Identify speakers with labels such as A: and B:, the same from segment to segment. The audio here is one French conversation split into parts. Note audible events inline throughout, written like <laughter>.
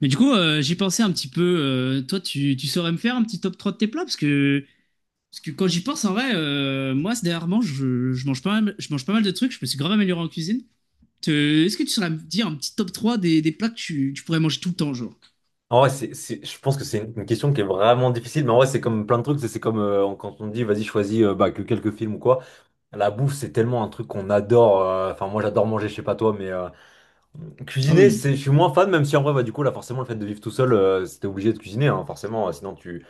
A: Mais du coup, j'y pensais un petit peu. Toi, tu saurais me faire un petit top 3 de tes plats? Parce que quand j'y pense, en vrai, moi, ces dernièrement, je mange pas mal, je mange pas mal de trucs. Je me suis grave amélioré en cuisine. Te- Est-ce que tu saurais me dire un petit top 3 des plats que tu pourrais manger tout le temps, genre?
B: En vrai, je pense que c'est une question qui est vraiment difficile, mais en vrai, c'est comme plein de trucs. C'est comme quand on dit, vas-y, choisis bah, que quelques films ou quoi. La bouffe, c'est tellement un truc qu'on adore. Enfin, moi, j'adore manger, je sais pas toi, mais.
A: Ah
B: Cuisiner,
A: oui.
B: je suis moins fan, même si en vrai, bah, du coup, là, forcément, le fait de vivre tout seul, c'était obligé de cuisiner, hein, forcément, sinon tu.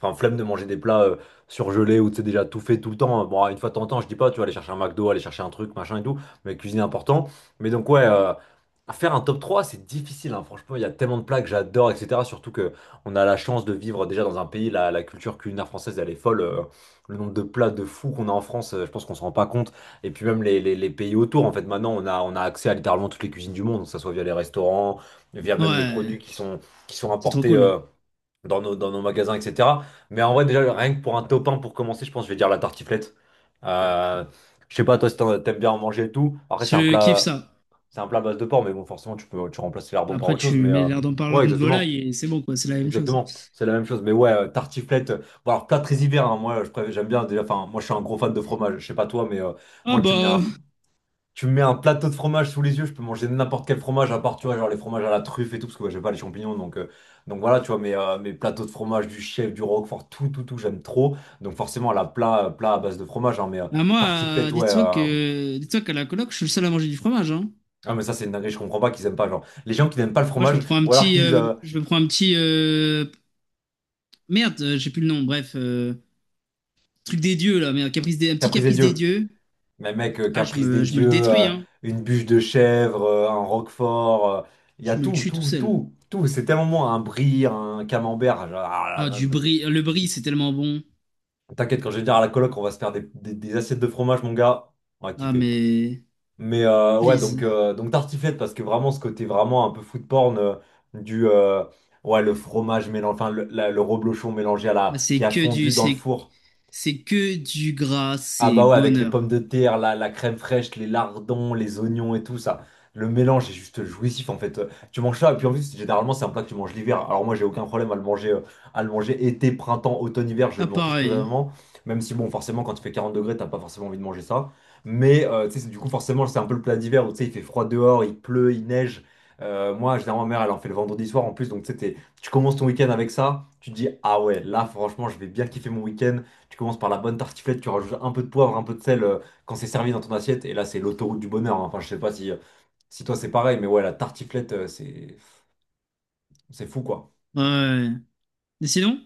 B: Enfin, flemme de manger des plats surgelés ou tu sais déjà tout fait tout le temps, hein. Bon, une fois de temps en temps, je dis pas, tu vas aller chercher un McDo, aller chercher un truc, machin et tout, mais cuisiner important. Mais donc, ouais, faire un top 3, c'est difficile, hein, franchement, il y a tellement de plats que j'adore, etc. Surtout que on a la chance de vivre déjà dans un pays, la culture culinaire française, elle est folle. Le nombre de plats de fous qu'on a en France, je pense qu'on se rend pas compte. Et puis même les pays autour, en fait, maintenant, on a accès à littéralement toutes les cuisines du monde, que ce soit via les restaurants, via même les produits
A: Ouais,
B: qui sont
A: c'est trop
B: importés
A: cool.
B: dans nos magasins, etc. Mais en vrai, déjà, rien que pour un top 1, pour commencer, je pense que je vais dire la tartiflette. Euh, je sais pas, toi, si t'aimes bien en manger et tout. Après, c'est un
A: Je kiffe
B: plat,
A: ça.
B: c'est un plat à base de porc, mais bon, forcément, tu peux, tu remplaces
A: Bah,
B: lardons par
A: après,
B: autre chose.
A: tu
B: Mais
A: mets l'air d'en parler
B: ouais,
A: de
B: exactement.
A: volaille et c'est bon, quoi, c'est la même chose.
B: Exactement, c'est la même chose. Mais ouais, tartiflette. Bon, alors, plat très hiver, hein, moi, j'aime bien déjà. Enfin, moi, je suis un gros fan de fromage. Je sais pas toi, mais
A: Ah
B: moi, tu me mets
A: bah,
B: un, tu me mets un plateau de fromage sous les yeux, je peux manger n'importe quel fromage, à part, tu vois, genre les fromages à la truffe et tout, parce que ouais, j'aime pas les champignons, donc voilà, tu vois, mes plateaux de fromage du chef, du roquefort, tout, tout, tout, j'aime trop. Donc forcément, plat à base de fromage, hein, mais
A: moi,
B: tartiflette, ouais.
A: dites-toi qu'à la coloc, je suis le seul à manger du fromage, hein.
B: Ah, mais ça, c'est une dinguerie, je comprends pas qu'ils aiment pas, genre, les gens qui n'aiment pas le
A: Moi, je me
B: fromage,
A: prends un
B: ou alors
A: petit,
B: qu'ils disent
A: Je me prends un petit, merde, j'ai plus le nom. Bref, truc des dieux là, merde, caprice des, un petit
B: caprice des
A: caprice des
B: dieux.
A: dieux.
B: Mais mec,
A: Ah, je
B: caprice des
A: me, je me le
B: dieux,
A: détruis, hein.
B: une bûche de chèvre, un roquefort, il y a
A: Je me le
B: tout,
A: tue tout
B: tout,
A: seul.
B: tout, tout. C'est tellement bon, un brie, un camembert, genre, ah
A: Ah,
B: là là.
A: du bris, le bris, c'est tellement bon.
B: T'inquiète, quand je vais dire à la coloc, on va se faire des assiettes de fromage, mon gars. On va
A: Ah,
B: kiffer.
A: mais
B: Mais ouais, donc,
A: please.
B: euh, donc tartiflette, parce que vraiment, ce côté vraiment un peu food porn du. Ouais, le fromage mélangé. Enfin, le reblochon mélangé à la.
A: Bah,
B: Qui a fondu dans le four.
A: c'est que du gras,
B: Ah
A: c'est
B: bah ouais, avec les pommes
A: bonheur.
B: de terre, la crème fraîche, les lardons, les oignons et tout ça. Le mélange est juste jouissif en fait. Tu manges ça et puis en plus généralement c'est un plat que tu manges l'hiver. Alors moi j'ai aucun problème à le manger, à le manger été, printemps, automne, hiver, je
A: Ah,
B: m'en fiche
A: pareil.
B: totalement. Même si bon forcément quand il fait 40 degrés t'as pas forcément envie de manger ça. Mais tu sais du coup forcément c'est un peu le plat d'hiver où tu sais il fait froid dehors, il pleut, il neige. Moi généralement ma mère elle en fait le vendredi soir en plus donc tu sais, tu commences ton week-end avec ça, tu te dis ah ouais là franchement je vais bien kiffer mon week-end. Tu commences par la bonne tartiflette, tu rajoutes un peu de poivre, un peu de sel quand c'est servi dans ton assiette. Et là, c'est l'autoroute du bonheur, hein. Enfin, je sais pas si toi c'est pareil, mais ouais, la tartiflette, c'est fou quoi.
A: Hein. Ouais. Mais sinon,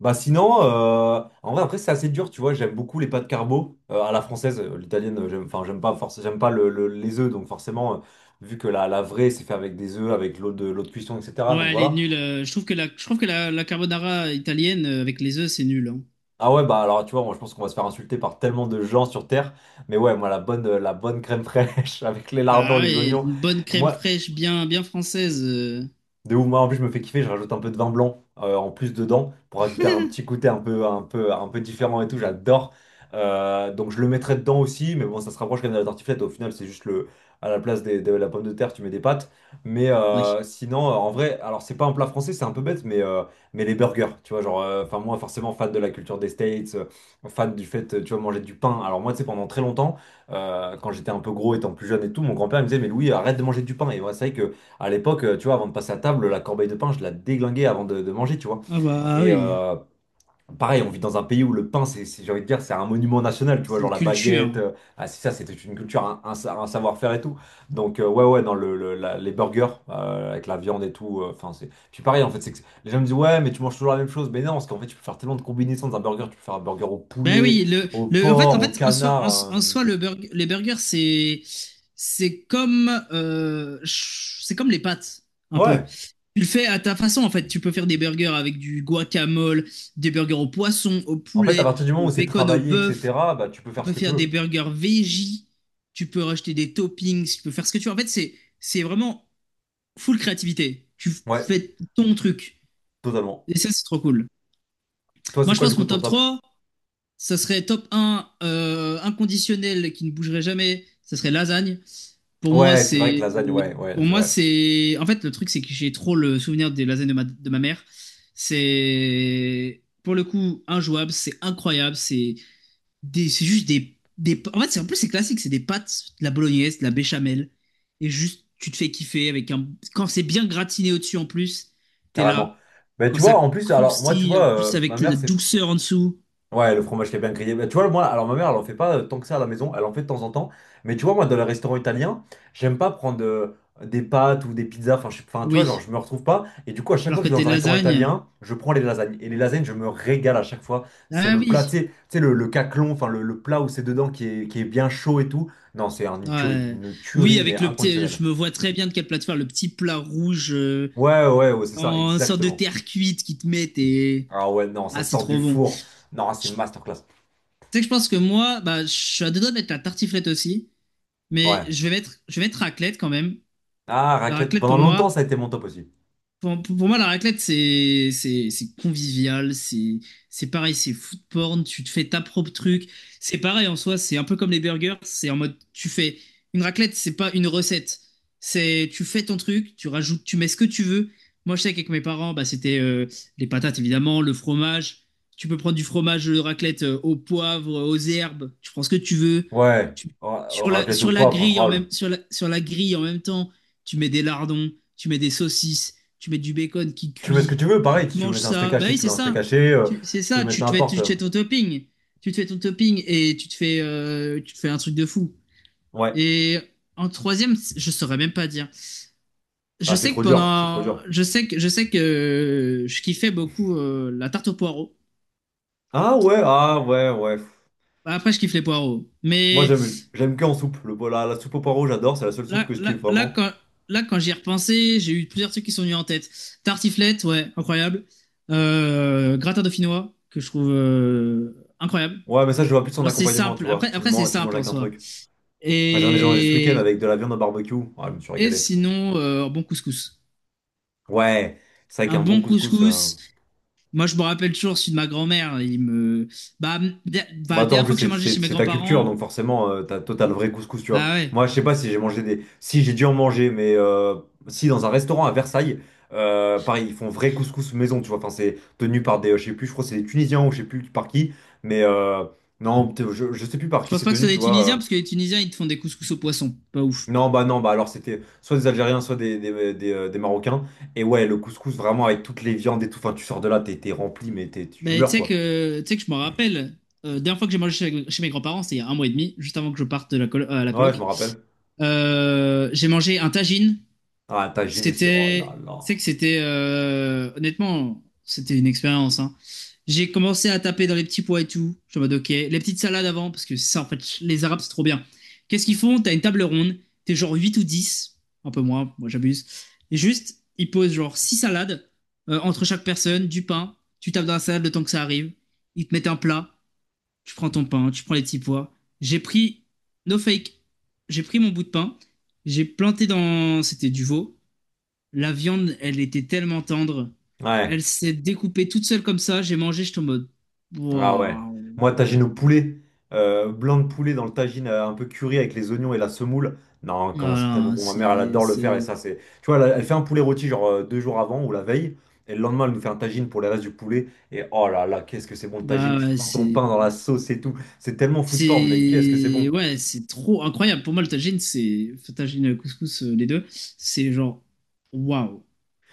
B: Bah sinon, en vrai, après, c'est assez dur, tu vois. J'aime beaucoup les pâtes carbo à la française. L'italienne, j'aime, enfin, j'aime pas, forcément j'aime pas les œufs, donc forcément, vu que la vraie, c'est fait avec des œufs, avec l'eau de cuisson, etc. Donc
A: ouais, elle est
B: voilà.
A: nulle. Je trouve que la carbonara italienne, avec les œufs, c'est nul. Hein.
B: Ah ouais, bah alors, tu vois, moi, je pense qu'on va se faire insulter par tellement de gens sur Terre. Mais ouais, moi, la bonne crème fraîche <laughs> avec les lardons,
A: Bah,
B: les
A: et
B: oignons.
A: une bonne crème
B: Moi,
A: fraîche, bien, bien française.
B: De ouf, moi en plus je me fais kiffer, je rajoute un peu de vin blanc en plus dedans pour ajouter un petit côté un peu, un peu, un peu différent et tout, j'adore. Donc je le mettrai dedans aussi, mais bon ça se rapproche quand même de la tartiflette, au final c'est juste à la place de la pomme de terre tu mets des pâtes. Mais
A: Oui.
B: sinon en vrai, alors c'est pas un plat français, c'est un peu bête, mais les burgers, tu vois, genre, enfin moi forcément fan de la culture des States, fan du fait, tu vois, manger du pain. Alors moi tu sais pendant très longtemps, quand j'étais un peu gros étant plus jeune et tout, mon grand-père il me disait mais Louis arrête de manger du pain. Et moi c'est vrai que. À l'époque, tu vois, avant de passer à table, la corbeille de pain, je la déglinguais avant de manger, tu vois.
A: Ah bah, ah
B: Et
A: oui,
B: pareil, on vit dans un pays où le pain, j'ai envie de dire, c'est un monument national, tu vois,
A: c'est
B: genre
A: une
B: la
A: culture.
B: baguette. Ah, c'est ça, c'était une culture, un savoir-faire et tout. Donc, ouais, ouais, dans les burgers, avec la viande et tout. Enfin, c'est. Puis pareil, en fait, c'est que les gens me disent, ouais, mais tu manges toujours la même chose. Mais non, parce qu'en fait, tu peux faire tellement de combinaisons dans un burger. Tu peux faire un burger au
A: Ben
B: poulet,
A: oui,
B: au
A: en fait, en
B: porc, au
A: fait, en soi,
B: canard.
A: en
B: euh,
A: soi, les burgers, c'est comme, c'est comme les pâtes, un peu.
B: Ouais.
A: Tu le fais à ta façon, en fait. Tu peux faire des burgers avec du guacamole, des burgers au poisson, au
B: En fait, à
A: poulet,
B: partir du moment
A: au
B: où c'est
A: bacon, au
B: travaillé,
A: bœuf.
B: etc., bah, tu peux
A: Tu
B: faire ce
A: peux
B: que tu
A: faire des
B: veux.
A: burgers veggie. Tu peux rajouter des toppings. Tu peux faire ce que tu veux. En fait, c'est vraiment full créativité. Tu
B: Ouais,
A: fais ton truc.
B: totalement.
A: Et ça, c'est trop cool.
B: Toi,
A: Moi,
B: c'est
A: je
B: quoi du
A: pense que
B: coup
A: mon
B: ton
A: top
B: top?
A: 3. Ça serait top un, inconditionnel qui ne bougerait jamais. Ça serait lasagne. Pour moi,
B: Ouais, c'est vrai que
A: c'est.
B: lasagne, ouais, ouais,
A: Pour
B: c'est
A: moi,
B: vrai,
A: c'est. En fait, le truc, c'est que j'ai trop le souvenir des lasagnes de ma mère. C'est. Pour le coup, injouable, c'est incroyable. C'est juste des. En fait, c'est en plus, c'est classique. C'est des pâtes, de la bolognaise, de la béchamel. Et juste, tu te fais kiffer avec un. Quand c'est bien gratiné au-dessus, en plus, t'es là.
B: carrément. Mais
A: Quand
B: tu
A: ça
B: vois, en plus, alors moi, tu
A: croustille, en
B: vois,
A: plus,
B: ma
A: avec
B: mère,
A: la
B: c'est.
A: douceur en dessous.
B: Ouais, le fromage qui est bien grillé. Mais tu vois, moi, alors ma mère, elle en fait pas tant que ça à la maison, elle en fait de temps en temps. Mais tu vois, moi, dans les restaurants italiens, j'aime pas prendre des pâtes ou des pizzas. Enfin, tu vois, genre,
A: Oui.
B: je me retrouve pas. Et du coup, à chaque
A: Alors
B: fois que
A: que
B: je vais
A: des
B: dans un restaurant
A: lasagnes,
B: italien, je prends les lasagnes. Et les lasagnes, je me régale à chaque fois. C'est
A: ah
B: le plat,
A: oui,
B: tu sais, le caclon, enfin, le plat où c'est dedans qui est bien chaud et tout. Non, c'est une tuerie,
A: ouais.
B: une
A: Oui,
B: tuerie, mais
A: avec le petit,
B: inconditionnelle.
A: je me vois très bien de quelle plateforme, le petit plat rouge,
B: Ouais, ouais, ouais, c'est ça,
A: en sorte de
B: exactement.
A: terre cuite qui te mettent et
B: Ah ouais, non, ça
A: ah c'est
B: sort du
A: trop bon.
B: four. Non, c'est
A: Je-
B: masterclass.
A: Tu sais que je pense que moi, bah je suis à deux doigts de mettre la tartiflette aussi, mais
B: Ouais.
A: je vais mettre raclette quand même.
B: Ah,
A: La
B: raclette.
A: raclette
B: Pendant
A: pour
B: longtemps, ça
A: moi.
B: a été mon top aussi.
A: Pour moi, la raclette, c'est convivial, c'est pareil, c'est food porn, tu te fais ta propre truc. C'est pareil en soi, c'est un peu comme les burgers, c'est en mode, tu fais une raclette, c'est pas une recette. C'est tu fais ton truc, tu rajoutes, tu mets ce que tu veux. Moi, je sais qu'avec mes parents, bah, c'était, les patates évidemment, le fromage. Tu peux prendre du fromage de raclette, au poivre, aux herbes, tu prends ce que tu veux.
B: Ouais.
A: Tu- sur
B: Raclette au poivre, incroyable.
A: la, sur la grille en même temps, tu mets des lardons, tu mets des saucisses, tu mets du bacon qui
B: Tu mets ce que
A: cuit,
B: tu veux,
A: tu
B: pareil. Si
A: te
B: tu veux
A: manges
B: mettre un steak
A: ça. Bah
B: haché,
A: oui,
B: tu
A: c'est
B: mets un steak
A: ça.
B: haché. euh,
A: C'est
B: si tu veux
A: ça,
B: mettre n'importe.
A: tu te fais ton topping. Tu te fais ton topping et tu te fais un truc de fou.
B: Ouais.
A: Et en troisième, je saurais même pas dire.
B: Ah,
A: Je
B: c'est
A: sais que
B: trop dur, c'est trop
A: pendant.
B: dur.
A: Je sais que je kiffais beaucoup, la tarte aux poireaux.
B: Ah ouais, ah ouais, ouais.
A: Bah, après, je kiffe les poireaux.
B: Moi,
A: Mais
B: j'aime que en soupe. La soupe au poireau, j'adore. C'est la seule soupe que je kiffe
A: là,
B: vraiment.
A: là, quand j'y ai repensé, j'ai eu plusieurs trucs qui sont venus en tête. Tartiflette, ouais, incroyable. Gratin dauphinois, que je trouve, incroyable.
B: Ouais, mais ça, je vois plus son
A: Genre, c'est
B: accompagnement, tu
A: simple.
B: vois. Tu le
A: Après c'est
B: manges, tu manges
A: simple en
B: avec un
A: soi.
B: truc. Moi, j'en ai mangé ce week-end
A: Et,
B: avec de la viande au barbecue. Ah, je me suis
A: et
B: régalé.
A: sinon, un bon couscous.
B: Ouais, c'est vrai
A: Un
B: qu'un bon
A: bon
B: couscous.
A: couscous. Moi, je me rappelle toujours celui de ma grand-mère. Il me. Bah, bah, la
B: Bah toi en
A: dernière
B: plus
A: fois que j'ai mangé chez mes
B: c'est ta culture
A: grands-parents.
B: donc forcément t'as total vrai couscous tu vois.
A: Ah ouais.
B: Moi je sais pas si j'ai mangé si j'ai dû en manger mais si dans un restaurant à Versailles, pareil ils font vrai couscous maison tu vois. Enfin c'est tenu par je sais plus, je crois que c'est des Tunisiens ou je sais plus par qui, mais non je sais plus par
A: Je
B: qui
A: pense
B: c'est
A: pas que ce
B: tenu
A: soit
B: tu
A: des
B: vois.
A: Tunisiens, parce que les Tunisiens, ils te font des couscous au poisson. Pas ouf.
B: Non bah non bah alors c'était soit des Algériens soit des Marocains et ouais le couscous vraiment avec toutes les viandes et tout. Enfin tu sors de là t'es rempli mais tu
A: Mais tu
B: meurs
A: sais
B: quoi.
A: que, tu sais que je me rappelle. Dernière fois que j'ai mangé chez mes grands-parents, c'était il y a un mois et demi, juste avant que je parte de à la
B: Ouais je me
A: coloc.
B: rappelle.
A: J'ai mangé un tagine.
B: Ah, tagine aussi. Oh là
A: C'était,
B: là.
A: c'est que c'était, honnêtement, c'était une expérience, hein. J'ai commencé à taper dans les petits pois et tout. Je suis en mode, ok, les petites salades avant, parce que ça, en fait, les Arabes, c'est trop bien. Qu'est-ce qu'ils font? T'as une table ronde, t'es genre 8 ou 10, un peu moins, moi j'abuse. Et juste, ils posent genre 6 salades, entre chaque personne, du pain. Tu tapes dans la salade le temps que ça arrive. Ils te mettent un plat, tu prends ton pain, tu prends les petits pois. J'ai pris, no fake, j'ai pris mon bout de pain, j'ai planté dans, c'était du veau. La viande, elle était tellement tendre.
B: Ouais.
A: Elle s'est découpée toute seule comme ça. J'ai mangé, j'étais en mode.
B: Ah ouais.
A: Waouh.
B: Moi, tagine au poulet, blanc de poulet dans le tagine un peu curry avec les oignons et la semoule. Non, comment c'est tellement
A: Voilà,
B: bon. Ma mère, elle
A: c'est.
B: adore le faire. Et ça, c'est. Tu vois, elle fait un poulet rôti genre 2 jours avant ou la veille. Et le lendemain, elle nous fait un tagine pour les restes du poulet. Et oh là là, qu'est-ce que c'est bon le tagine.
A: Bah
B: Tu
A: ouais,
B: trempes ton pain dans la
A: c'est.
B: sauce et tout. C'est tellement food porn, mais qu'est-ce que c'est bon.
A: C'est. Ouais, c'est trop incroyable. Pour moi, le tagine, c'est, enfin, tagine et le couscous, les deux. C'est genre. Waouh.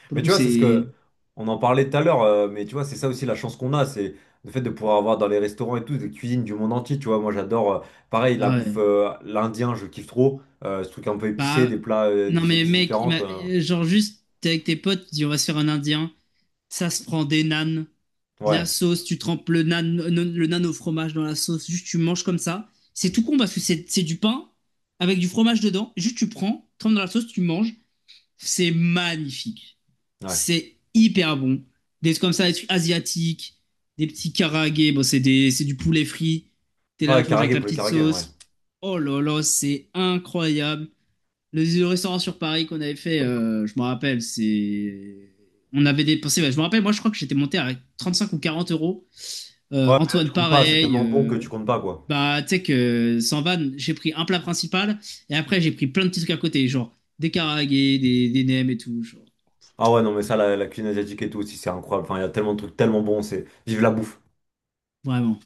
A: Pour le
B: Mais
A: coup,
B: tu vois, c'est ce
A: c'est.
B: que on en parlait tout à l'heure, mais tu vois, c'est ça aussi la chance qu'on a, c'est le fait de pouvoir avoir dans les restaurants et tout des cuisines du monde entier, tu vois. Moi, j'adore, pareil, la
A: Ah
B: bouffe,
A: ouais.
B: l'indien, je kiffe trop, ce truc un peu épicé,
A: Bah.
B: des plats,
A: Non,
B: des
A: mais
B: épices
A: mec,
B: différentes. euh,
A: genre juste, t'es avec tes potes, tu dis on va se faire un indien. Ça se prend des nanes, de la
B: ouais,
A: sauce, tu trempes le nan au fromage dans la sauce, juste tu manges comme ça. C'est tout con parce que c'est du pain avec du fromage dedans, juste tu prends, trempes dans la sauce, tu manges. C'est magnifique.
B: ouais.
A: C'est hyper bon. Des trucs comme ça, des trucs asiatiques, des petits karaage, bon, c'est du poulet frit. T'es là,
B: Ouais,
A: tu manges avec
B: karagé,
A: la
B: poulet
A: petite
B: karagé, ouais.
A: sauce. Oh là là, c'est incroyable le restaurant sur Paris qu'on avait fait, je me rappelle, c'est. On avait dépensé, bah, je me rappelle, moi je crois que j'étais monté à 35 ou 40 euros.
B: Ouais, mais là, tu
A: Antoine,
B: comptes pas, c'est
A: pareil.
B: tellement bon que tu comptes pas, quoi.
A: Tu sais que sans vanne, j'ai pris un plat principal et après j'ai pris plein de petits trucs à côté, genre des karaagés, des nems et tout. Genre.
B: Ah ouais, non, mais ça, la cuisine asiatique et tout aussi, c'est incroyable. Enfin, il y a tellement de trucs tellement bons. Vive la bouffe.
A: Vraiment.